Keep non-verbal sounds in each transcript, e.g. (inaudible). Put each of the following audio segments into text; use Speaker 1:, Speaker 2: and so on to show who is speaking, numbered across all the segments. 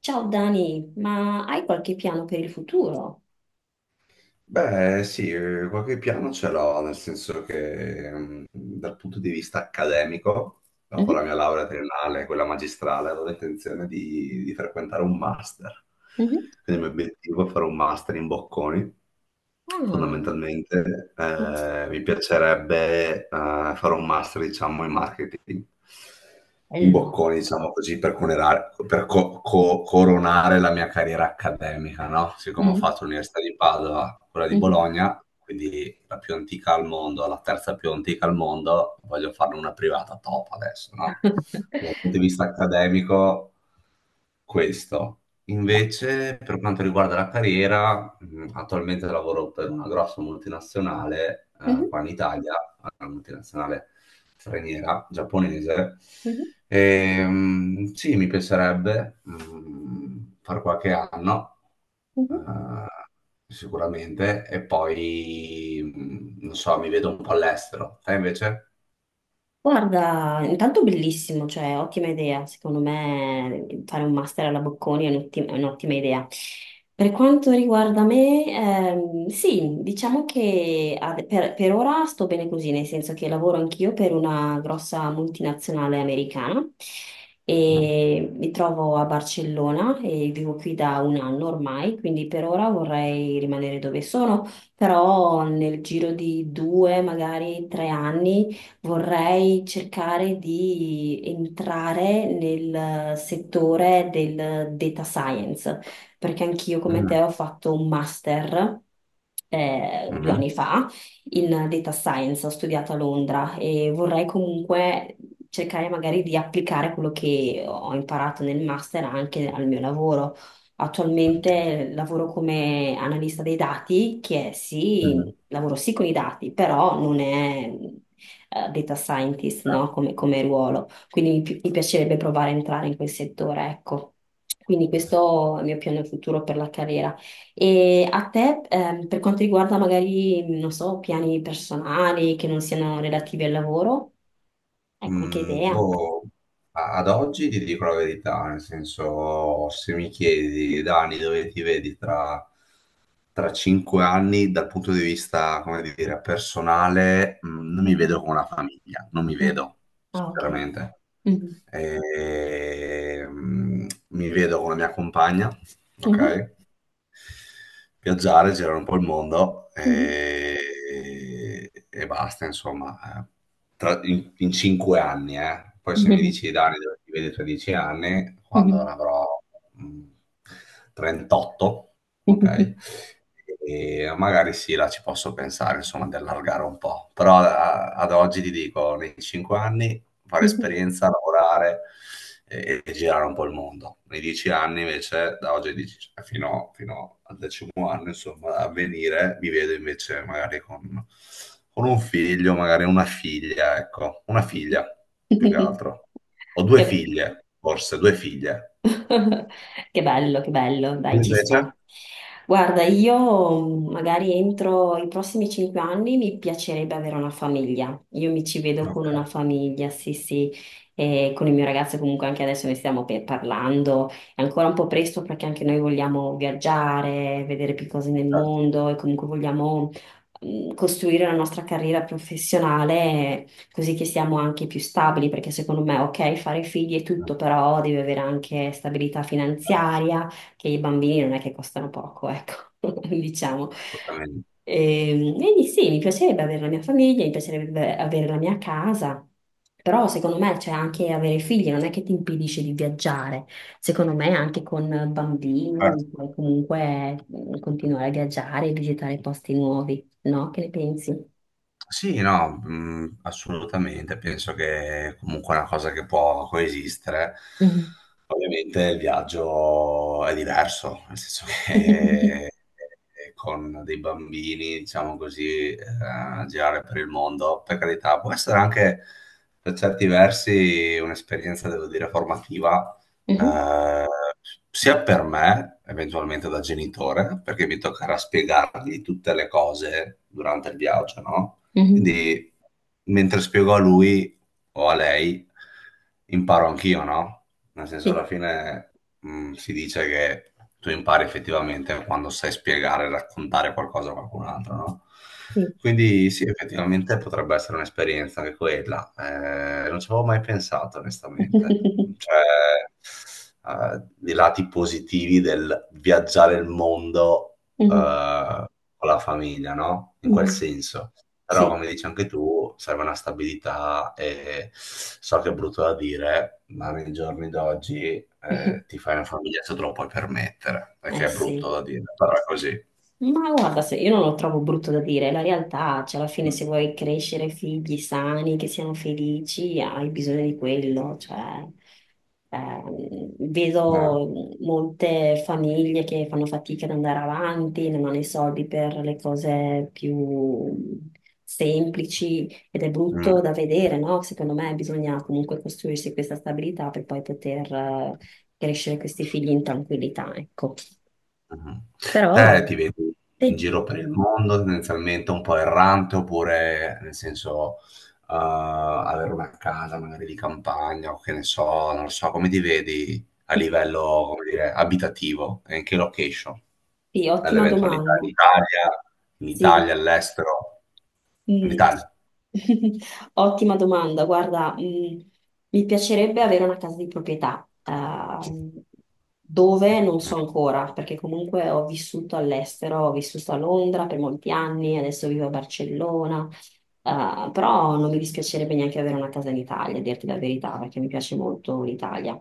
Speaker 1: Ciao Dani, ma hai qualche piano per il futuro?
Speaker 2: Beh, sì, qualche piano ce l'ho, nel senso che dal punto di vista accademico, dopo la
Speaker 1: Mhm.
Speaker 2: mia laurea triennale, quella magistrale, avevo intenzione di, frequentare un master.
Speaker 1: Mhm.
Speaker 2: Quindi il mio obiettivo è fare un master in Bocconi.
Speaker 1: Ah,
Speaker 2: Fondamentalmente, mi piacerebbe fare un master, diciamo, in marketing in
Speaker 1: bello.
Speaker 2: Bocconi, diciamo così, per, per coronare la mia carriera accademica, no? Siccome ho
Speaker 1: Mhm.
Speaker 2: fatto l'Università di Padova, quella di
Speaker 1: Mhm.
Speaker 2: Bologna, quindi la più antica al mondo, la terza più antica al mondo, voglio farne una privata top adesso, no? Dal punto di vista accademico, questo.
Speaker 1: Beh.
Speaker 2: Invece, per quanto riguarda la carriera, attualmente lavoro per una grossa multinazionale,
Speaker 1: Mhm.
Speaker 2: qua in Italia, una multinazionale straniera, giapponese.
Speaker 1: Mhm.
Speaker 2: E, sì, mi piacerebbe far qualche anno, eh,
Speaker 1: Mhm.
Speaker 2: sicuramente, e poi, non so, mi vedo un po' all'estero. Te invece?
Speaker 1: Guarda, intanto bellissimo, cioè ottima idea, secondo me fare un master alla Bocconi è un'ottima idea. Per quanto riguarda me, sì, diciamo che per ora sto bene così, nel senso che lavoro anch'io per una grossa multinazionale americana
Speaker 2: Mm.
Speaker 1: e mi trovo a Barcellona e vivo qui da un anno ormai, quindi per ora vorrei rimanere dove sono, però nel giro di due, magari 3 anni vorrei cercare di entrare nel settore del data science, perché anch'io come te
Speaker 2: Mm.
Speaker 1: ho fatto un master. Due
Speaker 2: Mm.
Speaker 1: anni fa in data science, ho studiato a Londra e vorrei comunque cercare magari di applicare quello che ho imparato nel master anche al mio lavoro. Attualmente lavoro come analista dei dati, che è, sì,
Speaker 2: Mm.
Speaker 1: lavoro sì con i dati, però non è data scientist, no? Come ruolo. Quindi mi piacerebbe provare a entrare in quel settore, ecco. Quindi questo è il mio piano futuro per la carriera. E a te, per quanto riguarda magari, non so, piani personali che non siano relativi al lavoro, hai qualche idea?
Speaker 2: Boh, ad oggi ti dico la verità, nel senso, se mi chiedi, Dani, dove ti vedi tra, 5 anni, dal punto di vista, come dire, personale,
Speaker 1: (laughs)
Speaker 2: non mi
Speaker 1: Mhm.
Speaker 2: vedo con una famiglia, non mi
Speaker 1: Mm.
Speaker 2: vedo,
Speaker 1: Ah, ok.
Speaker 2: sinceramente.
Speaker 1: Mhm.
Speaker 2: E, mi vedo con la mia compagna,
Speaker 1: Mhm.
Speaker 2: ok? Viaggiare, girare un po' il mondo
Speaker 1: Mhm.
Speaker 2: e, basta, insomma, eh. In, cinque anni, eh. Poi se mi
Speaker 1: Mhm.
Speaker 2: dici Dani dove ti vedi tra 10 anni, quando ne
Speaker 1: Mhm.
Speaker 2: avrò mh, 38, ok?
Speaker 1: Mhm.
Speaker 2: E magari sì, là ci posso pensare, insomma, di allargare un po', però ad oggi ti dico, nei 5 anni fare esperienza, lavorare e, girare un po' il mondo. Nei 10 anni invece, da oggi cioè, fino, al decimo anno, insomma, a venire, mi vedo invece magari con, un figlio, magari una figlia, ecco, una figlia più che
Speaker 1: Mhm.
Speaker 2: altro. Ho
Speaker 1: (laughs)
Speaker 2: due
Speaker 1: Che-
Speaker 2: figlie, forse, due figlie.
Speaker 1: (laughs) Che bello,
Speaker 2: Tu
Speaker 1: dai, ci
Speaker 2: invece?
Speaker 1: sta. Guarda, io magari entro i prossimi 5 anni mi piacerebbe avere una famiglia. Io mi ci vedo con
Speaker 2: Ok,
Speaker 1: una famiglia, sì, sì, e con il mio ragazzo comunque anche adesso ne stiamo parlando. È ancora un po' presto perché anche noi vogliamo viaggiare, vedere più cose nel
Speaker 2: certo.
Speaker 1: mondo e comunque vogliamo costruire la nostra carriera professionale, così che siamo anche più stabili, perché secondo me, ok, fare figli è tutto, però devi avere anche stabilità finanziaria, che i bambini non è che costano poco, ecco, (laughs) diciamo.
Speaker 2: Assolutamente.
Speaker 1: E quindi sì, mi piacerebbe avere la mia famiglia, mi piacerebbe avere la mia casa, però secondo me, cioè, anche avere figli non è che ti impedisce di viaggiare, secondo me anche con
Speaker 2: Certo.
Speaker 1: bambini puoi comunque continuare a viaggiare e visitare posti nuovi, no? Che ne pensi?
Speaker 2: Sì, no, assolutamente, penso che comunque è una cosa che può coesistere.
Speaker 1: Mhm.
Speaker 2: Ovviamente il viaggio è diverso, nel senso
Speaker 1: (laughs)
Speaker 2: che (laughs) con dei bambini, diciamo così, girare per il mondo, per carità, può essere anche per certi versi un'esperienza, devo dire, formativa,
Speaker 1: Mhm.
Speaker 2: eh, sia per me, eventualmente da genitore, perché mi toccherà spiegargli tutte le cose durante il viaggio, no?
Speaker 1: Mh-mh.
Speaker 2: Quindi, mentre spiego a lui o a lei, imparo anch'io, no? Nel senso, alla
Speaker 1: Sì,
Speaker 2: fine, si dice che tu impari effettivamente quando sai spiegare e raccontare qualcosa a qualcun altro, no?
Speaker 1: sì.
Speaker 2: Quindi sì, effettivamente potrebbe essere un'esperienza anche quella. Non ci avevo mai pensato, onestamente.
Speaker 1: (laughs)
Speaker 2: Cioè, i lati positivi del viaggiare il mondo,
Speaker 1: Mh-mh,
Speaker 2: eh, con la famiglia, no? In quel
Speaker 1: mh-mh.
Speaker 2: senso.
Speaker 1: Sì.
Speaker 2: Però,
Speaker 1: (laughs)
Speaker 2: come dici anche tu, serve una stabilità e so che è brutto da dire, ma nei giorni d'oggi
Speaker 1: Mh-mh.
Speaker 2: ti fai una famiglia se te lo puoi permettere,
Speaker 1: Eh
Speaker 2: perché è brutto
Speaker 1: sì.
Speaker 2: da dire, però è così.
Speaker 1: Ma guarda, se io non lo trovo brutto da dire, è la realtà, cioè alla fine
Speaker 2: Eh,
Speaker 1: se vuoi crescere figli sani, che siano felici, hai bisogno di quello, cioè vedo molte famiglie che fanno fatica ad andare avanti, non hanno i soldi per le cose più semplici, ed è
Speaker 2: mm.
Speaker 1: brutto da vedere, no? Secondo me bisogna comunque costruirsi questa stabilità per poi poter crescere questi figli in tranquillità, ecco.
Speaker 2: Mhm. Te
Speaker 1: Però
Speaker 2: ti vedi in
Speaker 1: sì.
Speaker 2: giro per il mondo, tendenzialmente un po' errante, oppure nel senso avere una casa magari di campagna o che ne so, non lo so, come ti vedi a livello, come dire, abitativo e in che location?
Speaker 1: Sì, ottima
Speaker 2: Nell'eventualità
Speaker 1: domanda.
Speaker 2: In
Speaker 1: Sì.
Speaker 2: Italia, all'estero, in
Speaker 1: Mm.
Speaker 2: Italia.
Speaker 1: (laughs) Ottima domanda. Guarda, mi piacerebbe avere una casa di proprietà, dove non
Speaker 2: Mm.
Speaker 1: so ancora, perché comunque ho vissuto all'estero, ho vissuto a Londra per molti anni, adesso vivo a Barcellona, però non mi dispiacerebbe neanche avere una casa in Italia, a dirti la verità, perché mi piace molto l'Italia.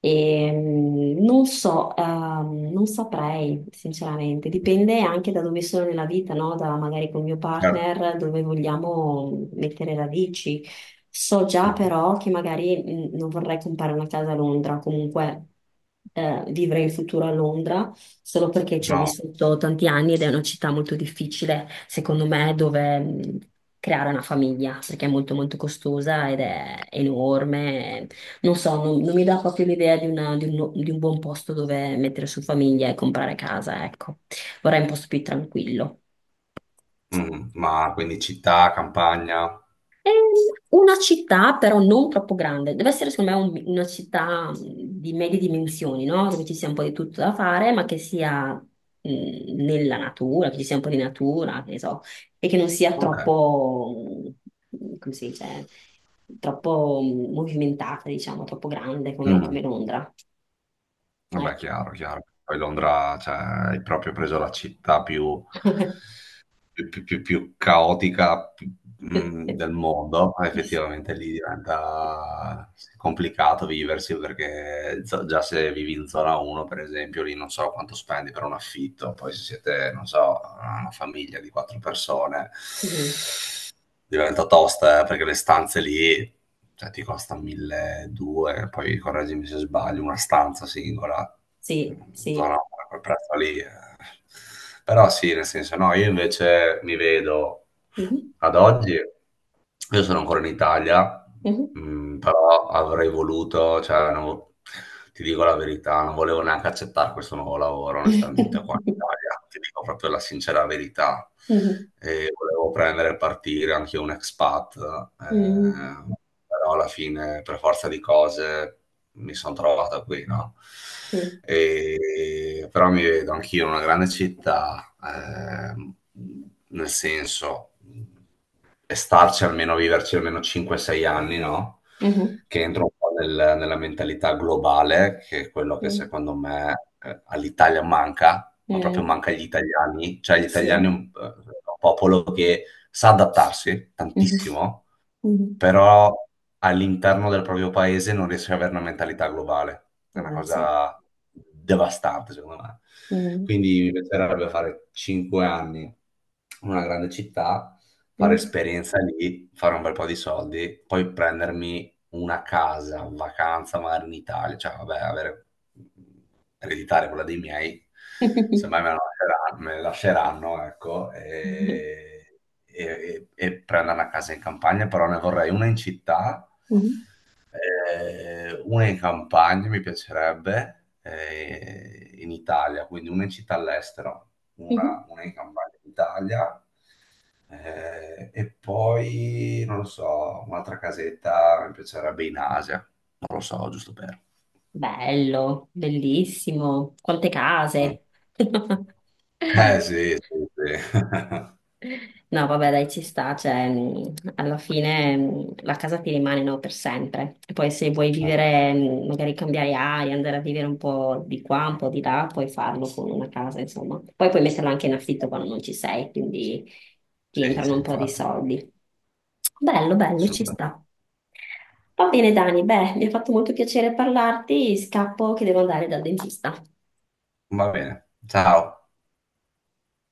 Speaker 1: E non so, non saprei, sinceramente, dipende anche da dove sono nella vita, no? Da magari col mio
Speaker 2: Certo.
Speaker 1: partner, dove vogliamo mettere radici. So già
Speaker 2: Mm.
Speaker 1: però che magari non vorrei comprare una casa a Londra, comunque vivere in futuro a Londra, solo perché ci ho
Speaker 2: No.
Speaker 1: vissuto tanti anni ed è una città molto difficile, secondo me, dove creare una famiglia, perché è molto molto costosa ed è enorme. Non so, non, non mi dà proprio l'idea di di un buon posto dove mettere su famiglia e comprare casa, ecco. Vorrei un posto più tranquillo.
Speaker 2: Ma quindi città, campagna.
Speaker 1: Ehm, Una città però non troppo grande, deve essere secondo me una città di medie dimensioni, no? Dove ci sia un po' di tutto da fare, ma che sia nella natura, che ci sia un po' di natura, che ne so, e che non sia
Speaker 2: Ok.
Speaker 1: troppo, come si dice, troppo movimentata, diciamo, troppo grande come,
Speaker 2: Mm.
Speaker 1: Londra.
Speaker 2: Vabbè,
Speaker 1: Ecco.
Speaker 2: chiaro, chiaro. Poi Londra, cioè, hai proprio preso la città più, più caotica,
Speaker 1: (laughs)
Speaker 2: del mondo. Effettivamente lì diventa complicato viversi perché già se vivi in zona 1, per esempio, lì non so quanto spendi per un affitto. Poi se siete, non so, una famiglia di quattro persone,
Speaker 1: Sì,
Speaker 2: diventa tosta, perché le stanze lì, cioè, ti costa 1.200, poi correggimi se sbaglio, una stanza singola.
Speaker 1: sì, sì.
Speaker 2: No, no, a quel prezzo lì. Eh. Però sì, nel senso, no, io invece mi vedo
Speaker 1: Mhm,
Speaker 2: ad oggi, io sono ancora in Italia,
Speaker 1: mhm.
Speaker 2: però avrei voluto, cioè, non vo- ti dico la verità, non volevo neanche accettare questo nuovo lavoro, onestamente, qua in
Speaker 1: (laughs)
Speaker 2: Italia, ti dico proprio la sincera verità.
Speaker 1: Mhm,
Speaker 2: E volevo prendere e partire anche un expat,
Speaker 1: mhm.
Speaker 2: eh, però alla fine, per forza di cose, mi sono trovato qui, no?
Speaker 1: Sì.
Speaker 2: Però mi vedo anch'io in una grande città, nel senso, e starci almeno, viverci almeno 5-6 anni, no?
Speaker 1: Mhm.
Speaker 2: Che entro un po' nella mentalità globale, che è quello che
Speaker 1: Sì.
Speaker 2: secondo me all'Italia manca, ma proprio
Speaker 1: Eh
Speaker 2: manca agli italiani, cioè gli
Speaker 1: sì,
Speaker 2: italiani è un, popolo che sa adattarsi
Speaker 1: mhm.
Speaker 2: tantissimo,
Speaker 1: Mhm.
Speaker 2: però all'interno del proprio paese non riesce ad avere una mentalità globale. È una
Speaker 1: Vabbè, sì.
Speaker 2: cosa devastante, secondo me.
Speaker 1: Mhm.
Speaker 2: Quindi mi piacerebbe fare 5 anni in una grande città, fare
Speaker 1: Mhm.
Speaker 2: esperienza lì, fare un bel po' di soldi, poi prendermi una casa, vacanza magari in Italia, cioè vabbè, avere, ereditare quella dei miei,
Speaker 1: (laughs)
Speaker 2: semmai me la lasceranno, ecco,
Speaker 1: Mhm.
Speaker 2: e, e prendere una casa in campagna, però ne vorrei una in città,
Speaker 1: Mhm.
Speaker 2: una in campagna mi piacerebbe, in Italia, quindi una in città all'estero,
Speaker 1: Mhm.
Speaker 2: una,
Speaker 1: (laughs)
Speaker 2: in campagna in Italia, e poi, non lo so, un'altra casetta mi piacerebbe in Asia, non lo so, giusto per...
Speaker 1: Bello, bellissimo. Quante case.
Speaker 2: Eh
Speaker 1: (laughs)
Speaker 2: sì, sì, sì. (laughs)
Speaker 1: No, vabbè, dai, ci sta, cioè, alla fine la casa ti rimane, no, per sempre. E poi se vuoi vivere, magari cambiare aria, andare a vivere un po' di qua, un po' di là, puoi farlo con una casa, insomma. Poi puoi metterla anche in affitto quando non ci sei, quindi ti
Speaker 2: Sì,
Speaker 1: entrano
Speaker 2: sì,
Speaker 1: un po' di
Speaker 2: infatti,
Speaker 1: soldi. Bello, bello, ci
Speaker 2: assolutamente.
Speaker 1: sta. Va bene, Dani, beh, mi ha fatto molto piacere parlarti, scappo che devo andare dal dentista.
Speaker 2: Va bene, ciao.